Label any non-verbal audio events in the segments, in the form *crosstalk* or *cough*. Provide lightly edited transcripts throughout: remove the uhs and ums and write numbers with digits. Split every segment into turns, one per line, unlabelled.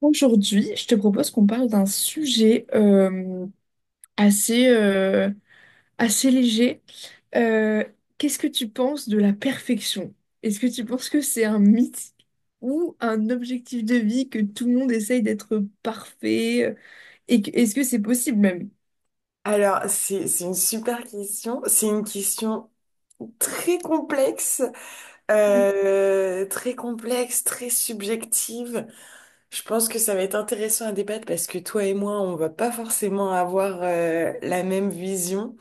Aujourd'hui, je te propose qu'on parle d'un sujet assez, assez léger. Euh, Qu'est-ce que tu penses de la perfection? Est-ce que tu penses que c'est un mythe ou un objectif de vie que tout le monde essaye d'être parfait? Est-ce que c'est possible même?
Alors, c'est une super question. C'est une question très complexe,
Oui,
très complexe, très subjective. Je pense que ça va être intéressant à débattre parce que toi et moi, on va pas forcément avoir la même vision.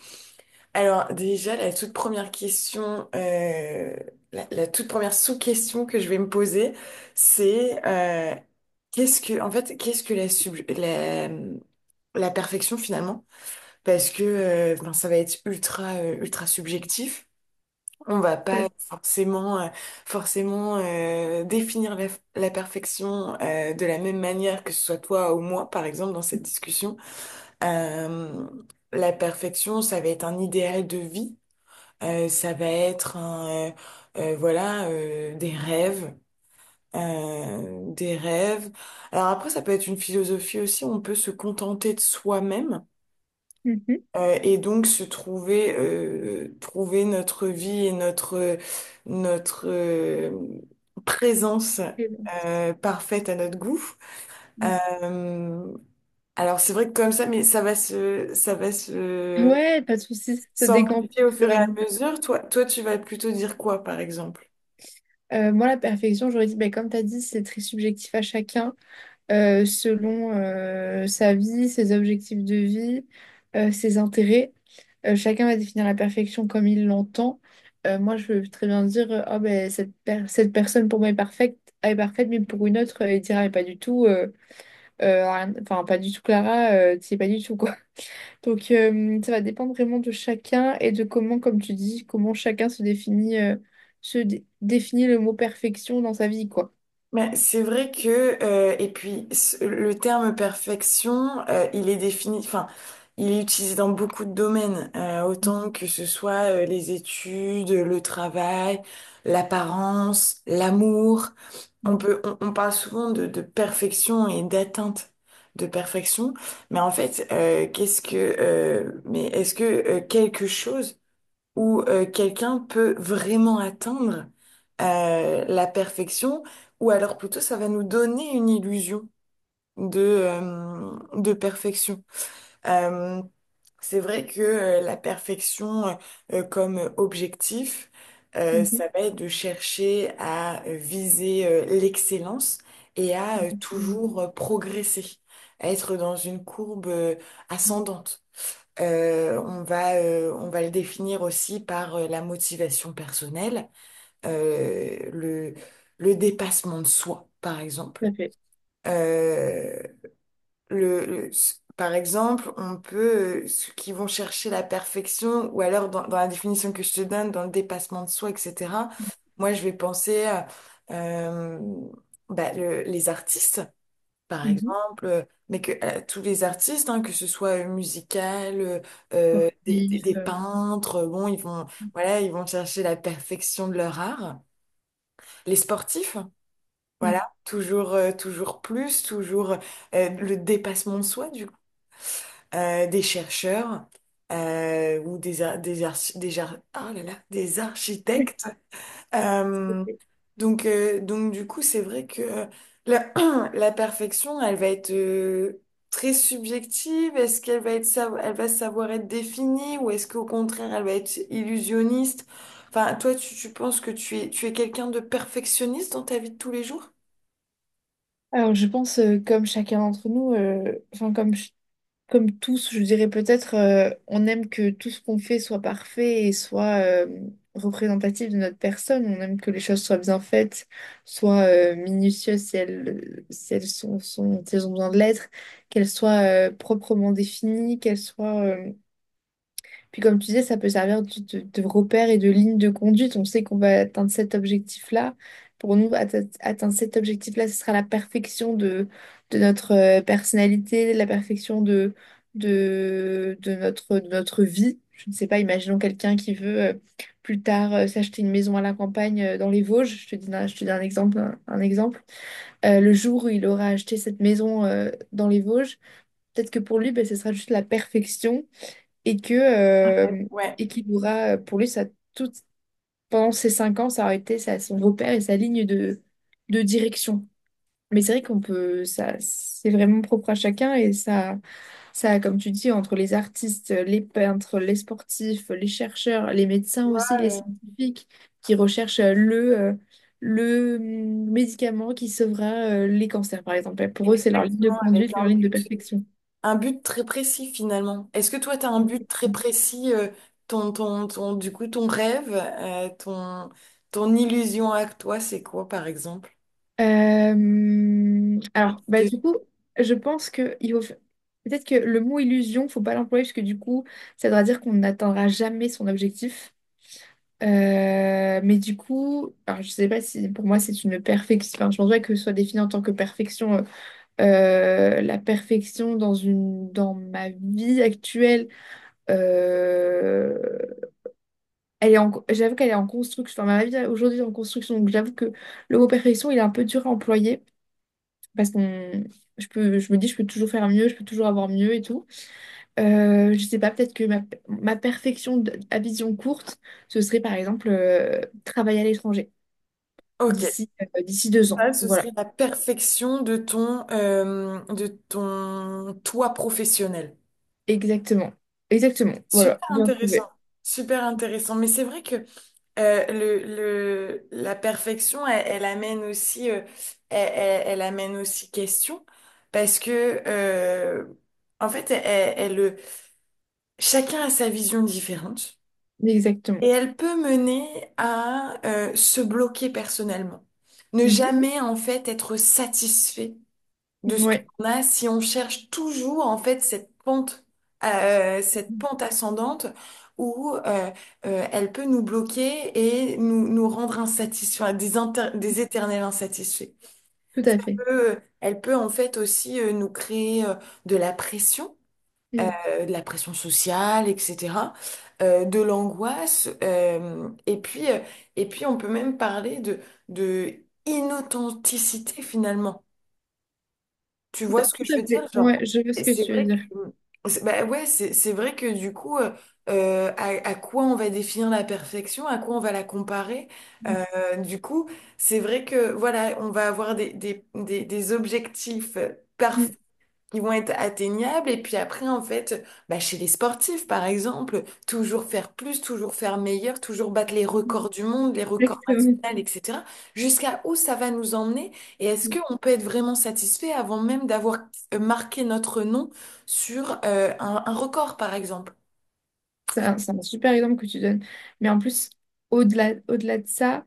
Alors, déjà, la toute première question, la toute première sous-question que je vais me poser, c'est qu'est-ce que, en fait, qu'est-ce que la perfection finalement? Parce que ben, ça va être ultra subjectif. On va
tout à fait.
pas forcément définir la perfection de la même manière que ce soit toi ou moi, par exemple, dans cette discussion. Euh, la perfection, ça va être un idéal de vie. Ça va être un, voilà des rêves. euh, des rêves. Alors après, ça peut être une philosophie aussi. On peut se contenter de soi-même.
Mhm.
Et donc se trouver notre vie et notre présence
Et bon,
parfaite à notre goût.
c'est-
Euh, alors c'est vrai que comme ça, mais ça va se
ouais, pas de soucis, ça décampe
s'amplifier au
au
fur
fur et
et
à
à
mesure.
mesure. Toi, tu vas plutôt dire quoi, par exemple?
Moi, la perfection, j'aurais dit, ben, comme tu as dit, c'est très subjectif à chacun. Selon sa vie, ses objectifs de vie, ses intérêts. Chacun va définir la perfection comme il l'entend. Moi, je peux très bien dire, ah, ben, cette personne pour moi est parfaite, elle est parfaite, mais pour une autre, elle dira, mais pas du tout, enfin, pas du tout Clara, c'est pas du tout, quoi. *laughs* Donc, ça va dépendre vraiment de chacun et de comment, comme tu dis, comment chacun se définit, définit le mot perfection dans sa vie, quoi.
Mais c'est vrai que, et puis le terme perfection, il est défini, enfin, il est utilisé dans beaucoup de domaines, autant que ce soit les études, le travail, l'apparence, l'amour.
Mhm.
On parle souvent de perfection et d'atteinte de perfection, mais en fait, qu'est-ce que, mais est-ce que quelque chose où quelqu'un peut vraiment atteindre la perfection, ou alors plutôt ça va nous donner une illusion de perfection. Euh, c'est vrai que la perfection comme objectif,
Mhm.
ça va être de chercher à viser l'excellence et à
Mhm.
toujours progresser, à être dans une courbe ascendante. On va le définir aussi par la motivation personnelle, euh, le, le dépassement de soi, par
Tout
exemple.
à fait.
Euh, par exemple, on peut, ceux qui vont chercher la perfection, ou alors dans la définition que je te donne, dans le dépassement de soi, etc., moi, je vais penser à euh, bah, les artistes par
Mhm.
exemple, mais que tous les artistes, hein, que ce soit musical,
Sportif.
des peintres, bon, voilà, ils vont chercher la perfection de leur art. Les sportifs,
Mm. *laughs*
voilà, toujours plus, toujours le dépassement de soi, du coup. Des chercheurs ou des, ar- des, archi- des, jar- ah là là, des
Oui,
architectes.
tout à
Euh,
fait.
donc, donc du coup, c'est vrai que la, *clears throat* la perfection, elle va être très subjective. Est-ce qu'elle va elle va savoir être définie ou est-ce qu'au contraire, elle va être illusionniste? Enfin, toi, tu penses que tu es quelqu'un de perfectionniste dans ta vie de tous les jours?
Alors, je pense, comme chacun d'entre nous, enfin, comme tous, je dirais peut-être, on aime que tout ce qu'on fait soit parfait et soit représentatif de notre personne. On aime que les choses soient bien faites, soient minutieuses, si elles ont besoin de l'être, qu'elles soient proprement définies, qu'elles soient. Puis comme tu disais, ça peut servir de repère et de ligne de conduite. On sait qu'on va atteindre cet objectif-là. Pour nous, atteindre cet objectif-là, ce sera la perfection de notre personnalité, la perfection de notre vie. Je ne sais pas, imaginons quelqu'un qui veut plus tard s'acheter une maison à la campagne dans les Vosges. Je te dis, je te dis un exemple, un exemple. Le jour où il aura acheté cette maison dans les Vosges, peut-être que pour lui, ben, ce sera juste la perfection. Et que
Ouais,
et qu'il aura Pour lui, ça, tout pendant ces 5 ans, ça aurait été ça, son repère et sa ligne de direction. Mais c'est vrai qu'on peut, ça, c'est vraiment propre à chacun. Et ça ça, comme tu dis, entre les artistes, les peintres, les sportifs, les chercheurs, les médecins
pas,
aussi, les scientifiques qui recherchent le médicament qui sauvera les cancers, par exemple. Pour eux, c'est leur ligne de
exactement, avec
conduite, leur
un
ligne de
but.
perfection.
Un but très précis finalement. Est-ce que toi, tu as un but très précis, ton, du coup, ton illusion à toi, c'est quoi par exemple? Ah,
Alors, bah,
je-
du coup, je pense que peut-être que le mot illusion, faut pas l'employer, parce que du coup, ça voudra dire qu'on n'atteindra jamais son objectif. Mais du coup, alors, je sais pas si pour moi c'est une perfection. Enfin, je pense pas que ce soit défini en tant que perfection. La perfection dans une dans ma vie actuelle, euh, j'avoue qu'elle est en construction. Enfin, ma vie aujourd'hui est en construction. Donc, j'avoue que le mot perfection, il est un peu dur à employer. Parce qu'on je peux Je me dis, je peux toujours faire mieux, je peux toujours avoir mieux, et tout. Je sais pas, peut-être que ma perfection à vision courte, ce serait par exemple travailler à l'étranger,
Ok,
d'ici 2 ans,
ça, ce
voilà.
serait la perfection de de ton toi professionnel.
Exactement, exactement, voilà,
Super
bien
intéressant,
trouvé.
super intéressant. Mais c'est vrai que la perfection, elle amène aussi, elle amène aussi question, parce que, en fait, elle, elle- chacun a sa vision différente et
Exactement.
elle peut mener à se bloquer personnellement, ne jamais en fait être satisfait de
Mhm.
ce
Ouais,
qu'on a si on cherche toujours en fait cette pente ascendante où elle peut nous bloquer et nous rendre insatisfaits, enfin, des éternels insatisfaits.
tout à fait.
Peut- elle peut en fait aussi nous créer de la pression,
Mm.
de la pression sociale, etc., de l'angoisse, et puis on peut même parler de inauthenticité finalement. Tu vois ce que
Tout
je
à
veux dire?
fait,
Genre,
ouais, je veux
et
ce que
c'est
tu veux
vrai
dire.
que, c'est- bah ouais, c'est vrai que du coup, à quoi on va définir la perfection, à quoi on va la comparer?
Mm.
Euh, du coup, c'est vrai que, voilà, on va avoir des objectifs parfaits,
mm,
ils vont être atteignables. Et puis après, en fait, bah, chez les sportifs, par exemple, toujours faire plus, toujours faire meilleur, toujours battre les records du monde, les records
Exactement.
nationaux, etc. Jusqu'à où ça va nous emmener? Et est-ce qu'on peut être vraiment satisfait avant même d'avoir marqué notre nom sur un record, par exemple?
C'est un super exemple que tu donnes. Mais en plus, au-delà de ça,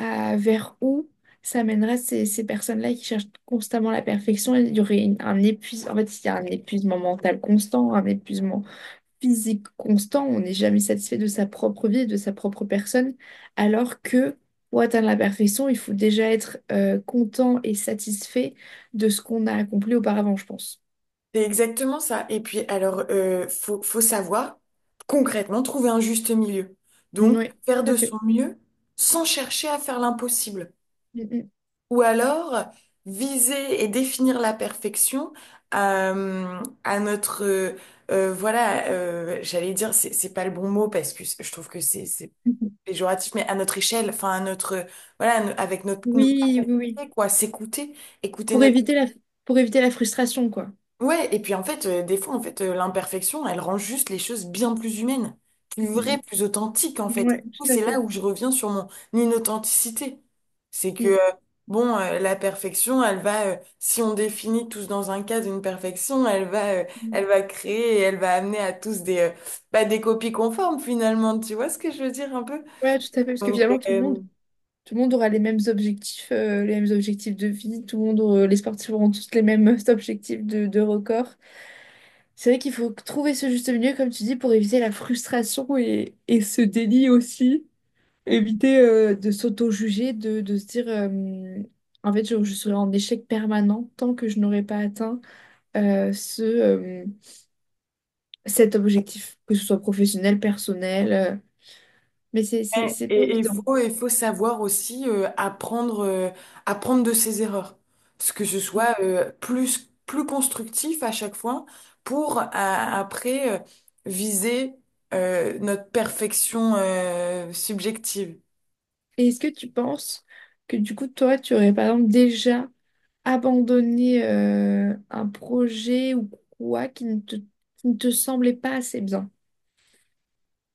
vers où ça mènera ces personnes-là qui cherchent constamment la perfection? Il y aurait un épuisement. En fait, il y a un épuisement mental constant, un épuisement physique constant. On n'est jamais satisfait de sa propre vie, de sa propre personne. Alors que, pour atteindre la perfection, il faut déjà être content et satisfait de ce qu'on a accompli auparavant, je pense.
C'est exactement ça. Et puis, alors, faut savoir concrètement trouver un juste milieu. Donc,
Oui,
faire
tout à
de
fait.
son mieux sans chercher à faire l'impossible.
Mm.
Ou alors viser et définir la perfection à, notre voilà j'allais dire c'est pas le bon mot parce que je trouve que c'est
Mm.
péjoratif mais à notre échelle, enfin à notre voilà à no- avec
Oui, oui, oui.
quoi, s'écouter, écouter
Pour
notre.
éviter la, pour éviter la frustration, quoi.
Ouais, et puis en fait, des fois, en fait, l'imperfection, elle rend juste les choses bien plus humaines, plus vraies,
Mm.
plus authentiques, en fait. Et du
Ouais,
coup,
tout à
c'est là
fait.
où je reviens sur mon inauthenticité. C'est que,
Mm.
bon, la perfection, elle va, si on définit tous dans un cadre une perfection,
Mm.
elle va créer, et elle va amener à tous des, bah, des copies conformes, finalement. Tu vois ce que je veux dire un peu?
Ouais, tout à fait. Parce que
Donc,
finalement,
euh,
tout le monde aura les mêmes objectifs de vie. Tout le monde, aura- Les sportifs auront tous les mêmes *laughs* objectifs de record. C'est vrai qu'il faut trouver ce juste milieu, comme tu dis, pour éviter la frustration et ce déni aussi. Éviter de s'auto-juger, de se dire, en fait, je serai en échec permanent tant que je n'aurai pas atteint euh, ce, cet objectif, que ce soit professionnel, personnel, mais
ouais,
c'est pas
et il
évident.
faut, il faut savoir aussi apprendre de ses erreurs. Ce que ce soit plus constructif à chaque fois pour à- après viser notre perfection subjective.
Et est-ce que tu penses que, du coup, toi, tu aurais par exemple déjà abandonné un projet ou quoi qui ne te, semblait pas assez bien,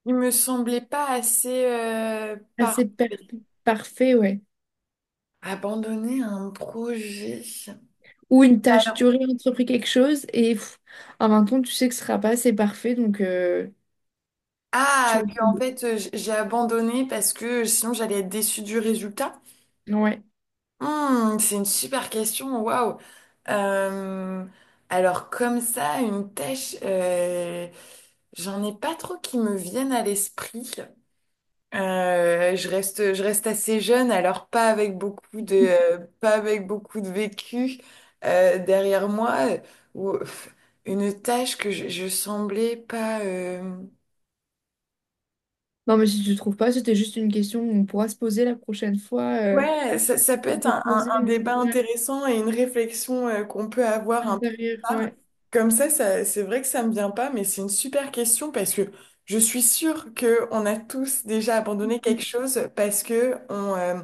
Il me semblait pas assez parfait.
assez parfait, ouais.
Abandonner un projet.
Ou une tâche, tu
Alors.
aurais entrepris quelque chose et pff, en même temps, tu sais que ce sera pas assez parfait, donc tu...
Ah,
laisses
que en
tomber.
fait j'ai abandonné parce que sinon j'allais être déçue du résultat.
Ouais.
Hmm, c'est une super question, waouh. Euh, alors comme ça, une tâche, j'en ai pas trop qui me viennent à l'esprit. Je reste assez jeune, alors pas avec beaucoup de, pas avec beaucoup de vécu derrière moi, ou pff, une tâche que je semblais pas. Euh,
Non, mais si tu ne trouves pas, c'était juste une question qu'on pourra se poser la prochaine fois.
ouais, ça peut
On
être
peut se
un
poser.
débat intéressant et une réflexion qu'on peut avoir un peu
Intérieur,
plus tard.
ouais.
Comme ça, c'est vrai que ça me vient pas, mais c'est une super question parce que je suis sûre que on a tous déjà abandonné quelque
Mm.
chose parce que on,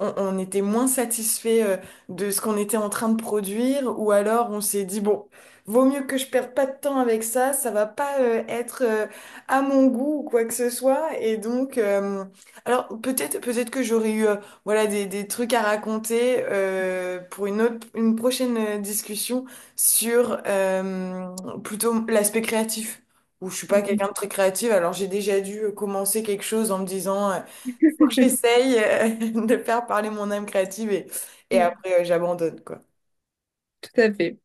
on était moins satisfait de ce qu'on était en train de produire, ou alors on s'est dit, bon, vaut mieux que je perde pas de temps avec ça, ça va pas être à mon goût ou quoi que ce soit. Et donc, alors peut-être que j'aurais eu voilà, des trucs à raconter pour une prochaine discussion sur plutôt l'aspect créatif. Où je suis pas quelqu'un de
Mm.
très créatif, alors j'ai déjà dû commencer quelque chose en me disant faut que
Mm. *laughs*
j'essaye *laughs* de faire parler mon âme créative, et après j'abandonne quoi.
Tout à fait.